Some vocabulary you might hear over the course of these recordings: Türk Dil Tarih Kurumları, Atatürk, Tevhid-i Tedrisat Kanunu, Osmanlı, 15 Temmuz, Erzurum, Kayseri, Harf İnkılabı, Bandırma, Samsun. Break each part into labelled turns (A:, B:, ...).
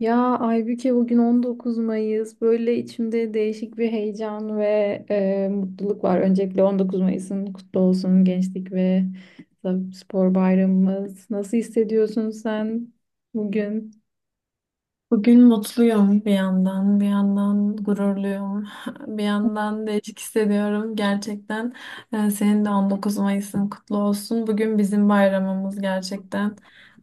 A: Ya Aybüke, bugün 19 Mayıs. Böyle içimde değişik bir heyecan ve mutluluk var. Öncelikle 19 Mayıs'ın kutlu olsun, gençlik ve spor bayramımız. Nasıl hissediyorsun sen bugün?
B: Bugün mutluyum bir yandan, bir yandan gururluyum, bir yandan değişik hissediyorum gerçekten. Senin de 19 Mayıs'ın kutlu olsun. Bugün bizim bayramımız gerçekten.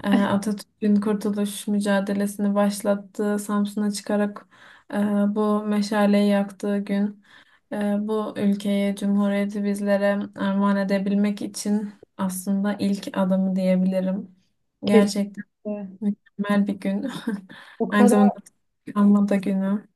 B: Atatürk'ün kurtuluş mücadelesini başlattığı, Samsun'a çıkarak e, bu meşaleyi yaktığı gün, e, bu ülkeyi, cumhuriyeti bizlere armağan edebilmek için aslında ilk adımı diyebilirim.
A: Kes-
B: Gerçekten.
A: E,
B: Mükemmel bir gün.
A: O
B: Aynı
A: kadar
B: zamanda anma da günü.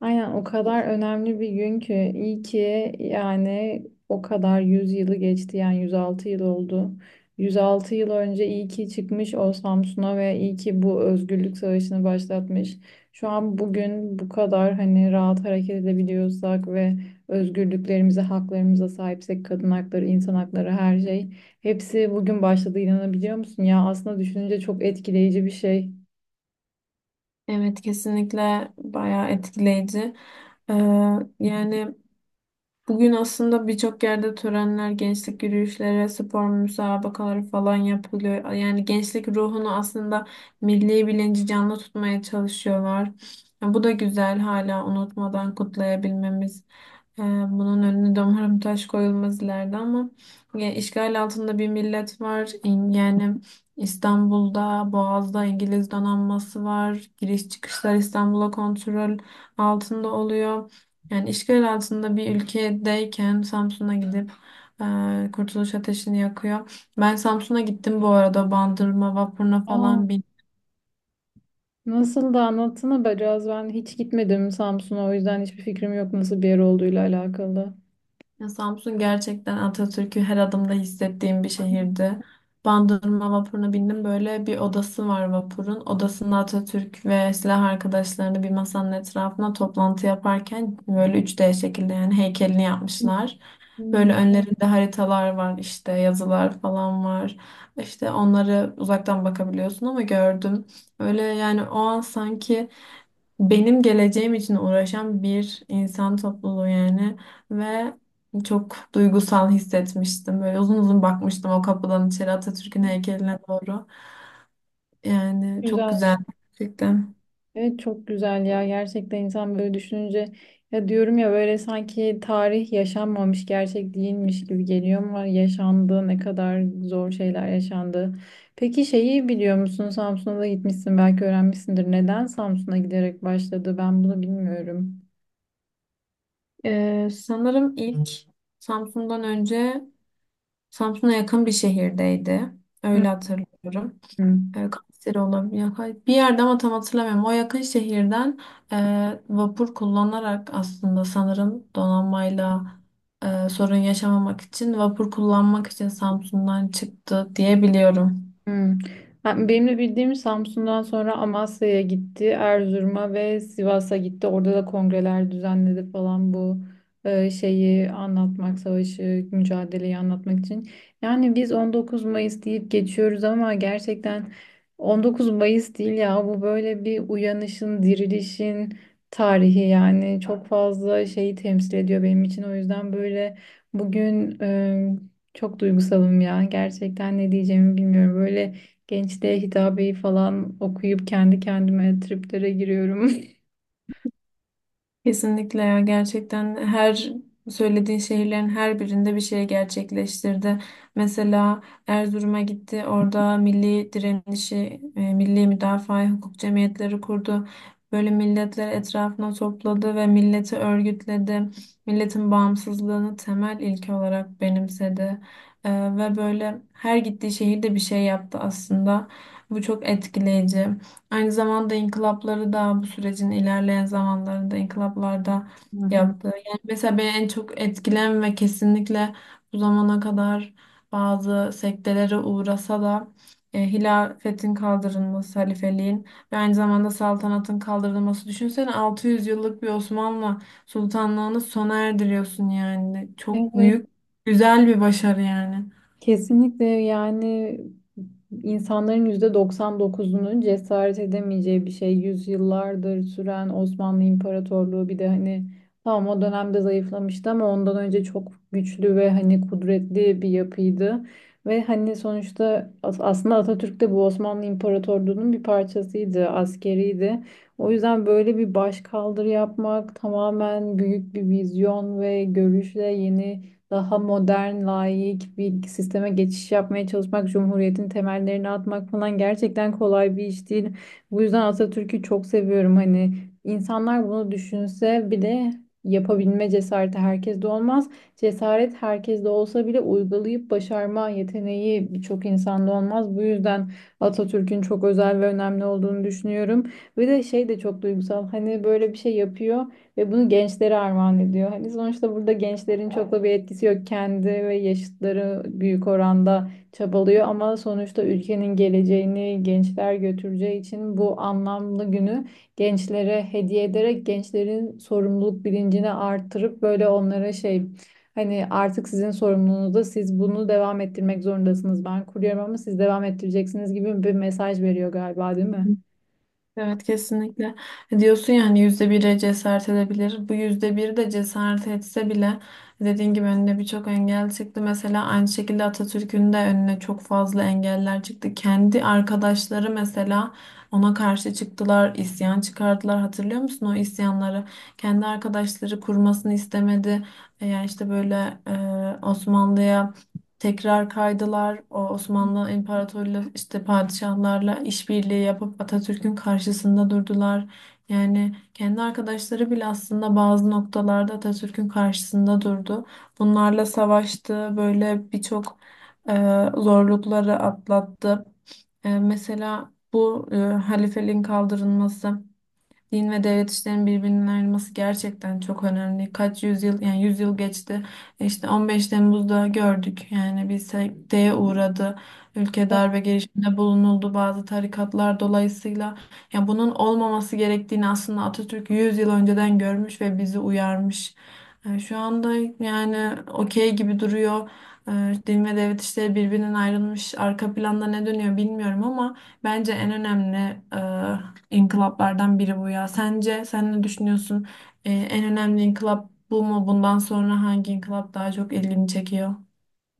A: aynen o kadar önemli bir gün ki iyi ki yani o kadar 100 yılı geçti, yani 106 yıl oldu. 106 yıl önce iyi ki çıkmış o Samsun'a ve iyi ki bu özgürlük savaşını başlatmış. Şu an bugün bu kadar hani rahat hareket edebiliyorsak ve özgürlüklerimize, haklarımıza sahipsek, kadın hakları, insan hakları, her şey, hepsi bugün başladı, inanabiliyor musun? Ya aslında düşününce çok etkileyici bir şey.
B: Evet, kesinlikle bayağı etkileyici. Ee, yani bugün aslında birçok yerde törenler, gençlik yürüyüşleri, spor müsabakaları falan yapılıyor. Yani gençlik ruhunu, aslında milli bilinci canlı tutmaya çalışıyorlar. Ya bu da güzel, hala unutmadan kutlayabilmemiz. Ee, Bunun önüne de umarım taş koyulmaz ileride ama ya, işgal altında bir millet var. Yani İstanbul'da, Boğaz'da İngiliz donanması var. Giriş çıkışlar İstanbul'a kontrol altında oluyor. Yani işgal altında bir ülkedeyken Samsun'a gidip Kurtuluş Ateşi'ni yakıyor. Ben Samsun'a gittim bu arada, Bandırma vapuruna
A: Aa,
B: falan bin.
A: nasıl da anlatsana be Caz. Ben hiç gitmedim Samsun'a. O yüzden hiçbir fikrim yok nasıl bir yer olduğuyla alakalı.
B: Ya Samsun gerçekten Atatürk'ü her adımda hissettiğim bir şehirdi. Bandırma vapuruna bindim. Böyle bir odası var vapurun. Odasında Atatürk ve silah arkadaşlarını bir masanın etrafına toplantı yaparken böyle üç d şekilde yani heykelini yapmışlar.
A: Hmm.
B: Böyle önlerinde haritalar var, işte yazılar falan var. İşte onları uzaktan bakabiliyorsun ama gördüm. Öyle yani o an sanki benim geleceğim için uğraşan bir insan topluluğu yani ve çok duygusal hissetmiştim. Böyle uzun uzun bakmıştım o kapıdan içeri Atatürk'ün heykeline doğru. Yani çok
A: Güzel.
B: güzel gerçekten.
A: Evet, çok güzel ya. Gerçekten insan böyle düşününce ya diyorum ya, böyle sanki tarih yaşanmamış, gerçek değilmiş gibi geliyor ama yaşandı, ne kadar zor şeyler yaşandı. Peki, şeyi biliyor musun? Samsun'a da gitmişsin, belki öğrenmişsindir. Neden Samsun'a giderek başladı? Ben bunu bilmiyorum.
B: Sanırım ilk Samsun'dan önce Samsun'a yakın bir şehirdeydi.
A: Hı
B: Öyle hatırlıyorum.
A: hı.
B: Kayseri olabiliyor. Bir yerde ama tam hatırlamıyorum. O yakın şehirden vapur kullanarak aslında sanırım donanmayla sorun yaşamamak için vapur kullanmak için Samsun'dan çıktı diye biliyorum.
A: Hmm. Benim de bildiğim, Samsun'dan sonra Amasya'ya gitti, Erzurum'a ve Sivas'a gitti. Orada da kongreler düzenledi falan, bu şeyi anlatmak, savaşı, mücadeleyi anlatmak için. Yani biz 19 Mayıs deyip geçiyoruz ama gerçekten 19 Mayıs değil ya bu, böyle bir uyanışın, dirilişin tarihi, yani çok fazla şeyi temsil ediyor benim için. O yüzden böyle bugün çok duygusalım ya. Gerçekten ne diyeceğimi bilmiyorum. Böyle gençliğe hitabeyi falan okuyup kendi kendime triplere giriyorum.
B: Kesinlikle ya, gerçekten her söylediğin şehirlerin her birinde bir şey gerçekleştirdi. Mesela Erzurum'a gitti, orada milli direnişi, milli müdafaa hukuk cemiyetleri kurdu. Böyle milletleri etrafına topladı ve milleti örgütledi. Milletin bağımsızlığını temel ilke olarak benimsedi. E, ve böyle her gittiği şehirde bir şey yaptı aslında. Bu çok etkileyici. Aynı zamanda inkılapları da bu sürecin ilerleyen zamanlarında inkılaplarda
A: Hı hı.
B: yaptı. Yani mesela beni en çok etkilen ve kesinlikle bu zamana kadar bazı sektelere uğrasa da hilafetin kaldırılması, halifeliğin ve aynı zamanda saltanatın kaldırılması. Düşünsene 600 yıllık bir Osmanlı sultanlığını sona erdiriyorsun yani. Çok
A: Evet.
B: büyük, güzel bir başarı yani.
A: Kesinlikle yani insanların %99'unun cesaret edemeyeceği bir şey. Yüzyıllardır süren Osmanlı İmparatorluğu, bir de hani tamam o dönemde zayıflamıştı ama ondan önce çok güçlü ve hani kudretli bir yapıydı. Ve hani sonuçta aslında Atatürk de bu Osmanlı İmparatorluğu'nun bir parçasıydı, askeriydi. O yüzden böyle bir başkaldırı yapmak, tamamen büyük bir vizyon ve görüşle yeni daha modern, layık bir sisteme geçiş yapmaya çalışmak, cumhuriyetin temellerini atmak falan gerçekten kolay bir iş değil. Bu yüzden Atatürk'ü çok seviyorum. Hani insanlar bunu düşünse bile yapabilme cesareti herkeste olmaz. Cesaret herkeste olsa bile uygulayıp başarma yeteneği birçok insanda olmaz. Bu yüzden Atatürk'ün çok özel ve önemli olduğunu düşünüyorum. Bir de şey de çok duygusal. Hani böyle bir şey yapıyor. Ve bunu gençlere armağan ediyor. Hani sonuçta burada gençlerin çok da bir etkisi yok. Kendi ve yaşıtları büyük oranda çabalıyor ama sonuçta ülkenin geleceğini gençler götüreceği için bu anlamlı günü gençlere hediye ederek gençlerin sorumluluk bilincini artırıp böyle onlara şey, hani artık sizin sorumluluğunuzda, siz bunu devam ettirmek zorundasınız. Ben kuruyorum ama siz devam ettireceksiniz gibi bir mesaj veriyor galiba, değil mi?
B: Evet kesinlikle. Diyorsun ya hani yüzde bire cesaret edebilir. Bu yüzde bir de cesaret etse bile dediğin gibi önüne birçok engel çıktı. Mesela aynı şekilde Atatürk'ün de önüne çok fazla engeller çıktı. Kendi arkadaşları mesela ona karşı çıktılar, isyan çıkardılar. Hatırlıyor musun o isyanları? Kendi arkadaşları kurmasını istemedi. Yani işte böyle Osmanlı'ya tekrar kaydılar. O Osmanlı İmparatorluğu işte padişahlarla işbirliği yapıp Atatürk'ün karşısında durdular. Yani kendi arkadaşları bile aslında bazı noktalarda Atatürk'ün karşısında durdu. Bunlarla savaştı. Böyle birçok e, zorlukları atlattı. Mesela bu halifeliğin kaldırılması. Din ve devlet işlerinin birbirinden ayrılması gerçekten çok önemli. Kaç yüzyıl yani yüzyıl geçti. İşte 15 Temmuz'da gördük. Yani bir sekteye uğradı. Ülke darbe girişiminde bulunuldu bazı tarikatlar dolayısıyla. Yani bunun olmaması gerektiğini aslında Atatürk 100 yıl önceden görmüş ve bizi uyarmış. Yani şu anda yani okey gibi duruyor. Din ve devlet işleri birbirinden ayrılmış. Arka planda ne dönüyor bilmiyorum ama bence en önemli e, inkılaplardan biri bu ya. Sence sen ne düşünüyorsun? En önemli inkılap bu mu? Bundan sonra hangi inkılap daha çok ilgini çekiyor?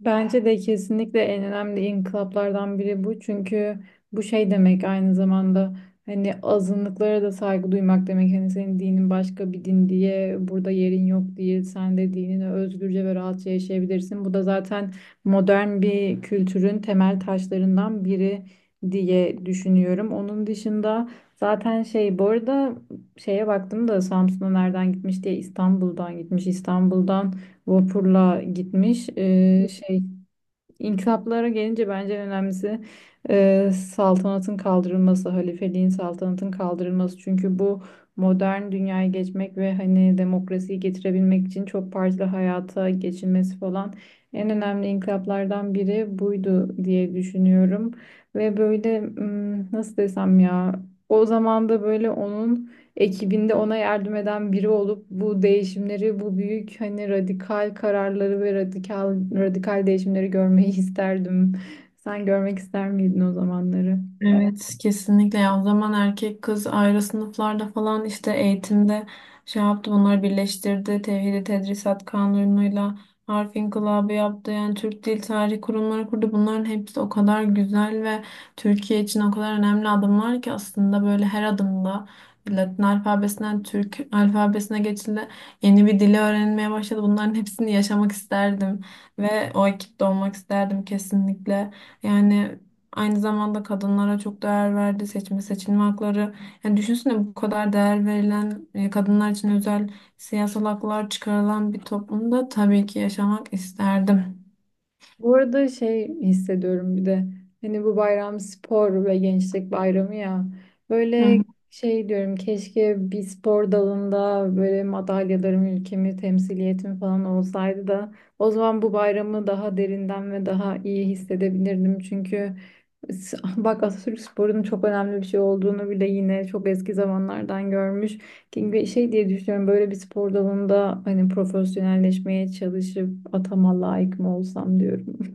A: Bence de kesinlikle en önemli inkılaplardan biri bu. Çünkü bu şey demek, aynı zamanda hani azınlıklara da saygı duymak demek. Hani senin dinin başka bir din diye burada yerin yok diye, sen de dinini özgürce ve rahatça yaşayabilirsin. Bu da zaten modern bir kültürün temel taşlarından biri diye düşünüyorum. Onun dışında zaten şey, bu arada şeye baktım da Samsun'a nereden gitmiş diye, İstanbul'dan gitmiş. İstanbul'dan vapurla gitmiş. Şey, inkılaplara gelince bence en önemlisi saltanatın kaldırılması, halifeliğin, saltanatın kaldırılması. Çünkü bu, modern dünyaya geçmek ve hani demokrasiyi getirebilmek için çok partili hayata geçilmesi falan, en önemli inkılaplardan biri buydu diye düşünüyorum. Ve böyle nasıl desem ya, o zaman da böyle onun ekibinde ona yardım eden biri olup bu değişimleri, bu büyük hani radikal kararları ve radikal radikal değişimleri görmeyi isterdim. Sen görmek ister miydin o zamanları?
B: Evet kesinlikle ya, o zaman erkek kız ayrı sınıflarda falan işte eğitimde şey yaptı, bunları birleştirdi Tevhid-i Tedrisat Kanunu'yla. Harf İnkılabı yaptı, yani Türk Dil Tarih Kurumları kurdu. Bunların hepsi o kadar güzel ve Türkiye için o kadar önemli adımlar ki aslında böyle her adımda Latin alfabesinden Türk alfabesine geçildi, yeni bir dili öğrenmeye başladı. Bunların hepsini yaşamak isterdim ve o ekipte olmak isterdim kesinlikle. Yani aynı zamanda kadınlara çok değer verdi. Seçme seçilme hakları. Yani düşünsene bu kadar değer verilen kadınlar için özel siyasal haklar çıkarılan bir toplumda tabii ki yaşamak isterdim.
A: Bu arada şey hissediyorum bir de, hani bu bayram spor ve gençlik bayramı ya, böyle
B: Hı.
A: şey diyorum, keşke bir spor dalında böyle madalyalarım, ülkemi temsiliyetim falan olsaydı da o zaman bu bayramı daha derinden ve daha iyi hissedebilirdim çünkü bak, Atatürk sporunun çok önemli bir şey olduğunu bile yine çok eski zamanlardan görmüş. Ve şey diye düşünüyorum, böyle bir spor dalında hani profesyonelleşmeye çalışıp atama layık mı olsam diyorum.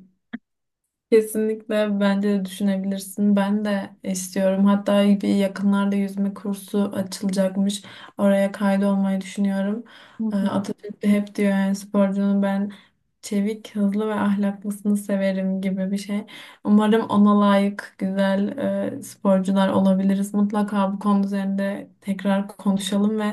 B: Kesinlikle bence de düşünebilirsin. Ben de istiyorum. Hatta bir yakınlarda yüzme kursu açılacakmış. Oraya kaydolmayı düşünüyorum.
A: Hı hı.
B: Atatürk de hep diyor yani sporcunun ben çevik, hızlı ve ahlaklısını severim gibi bir şey. Umarım ona layık güzel sporcular olabiliriz. Mutlaka bu konu üzerinde tekrar konuşalım ve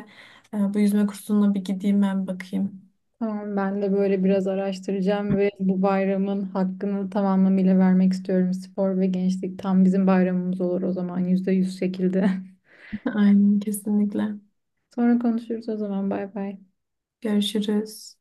B: bu yüzme kursuna bir gideyim ben bakayım.
A: Tamam, ben de böyle biraz araştıracağım ve bu bayramın hakkını tamamlamıyla vermek istiyorum. Spor ve gençlik tam bizim bayramımız olur o zaman, %100 şekilde.
B: Aynen kesinlikle.
A: Sonra konuşuruz o zaman, bay bay.
B: Görüşürüz.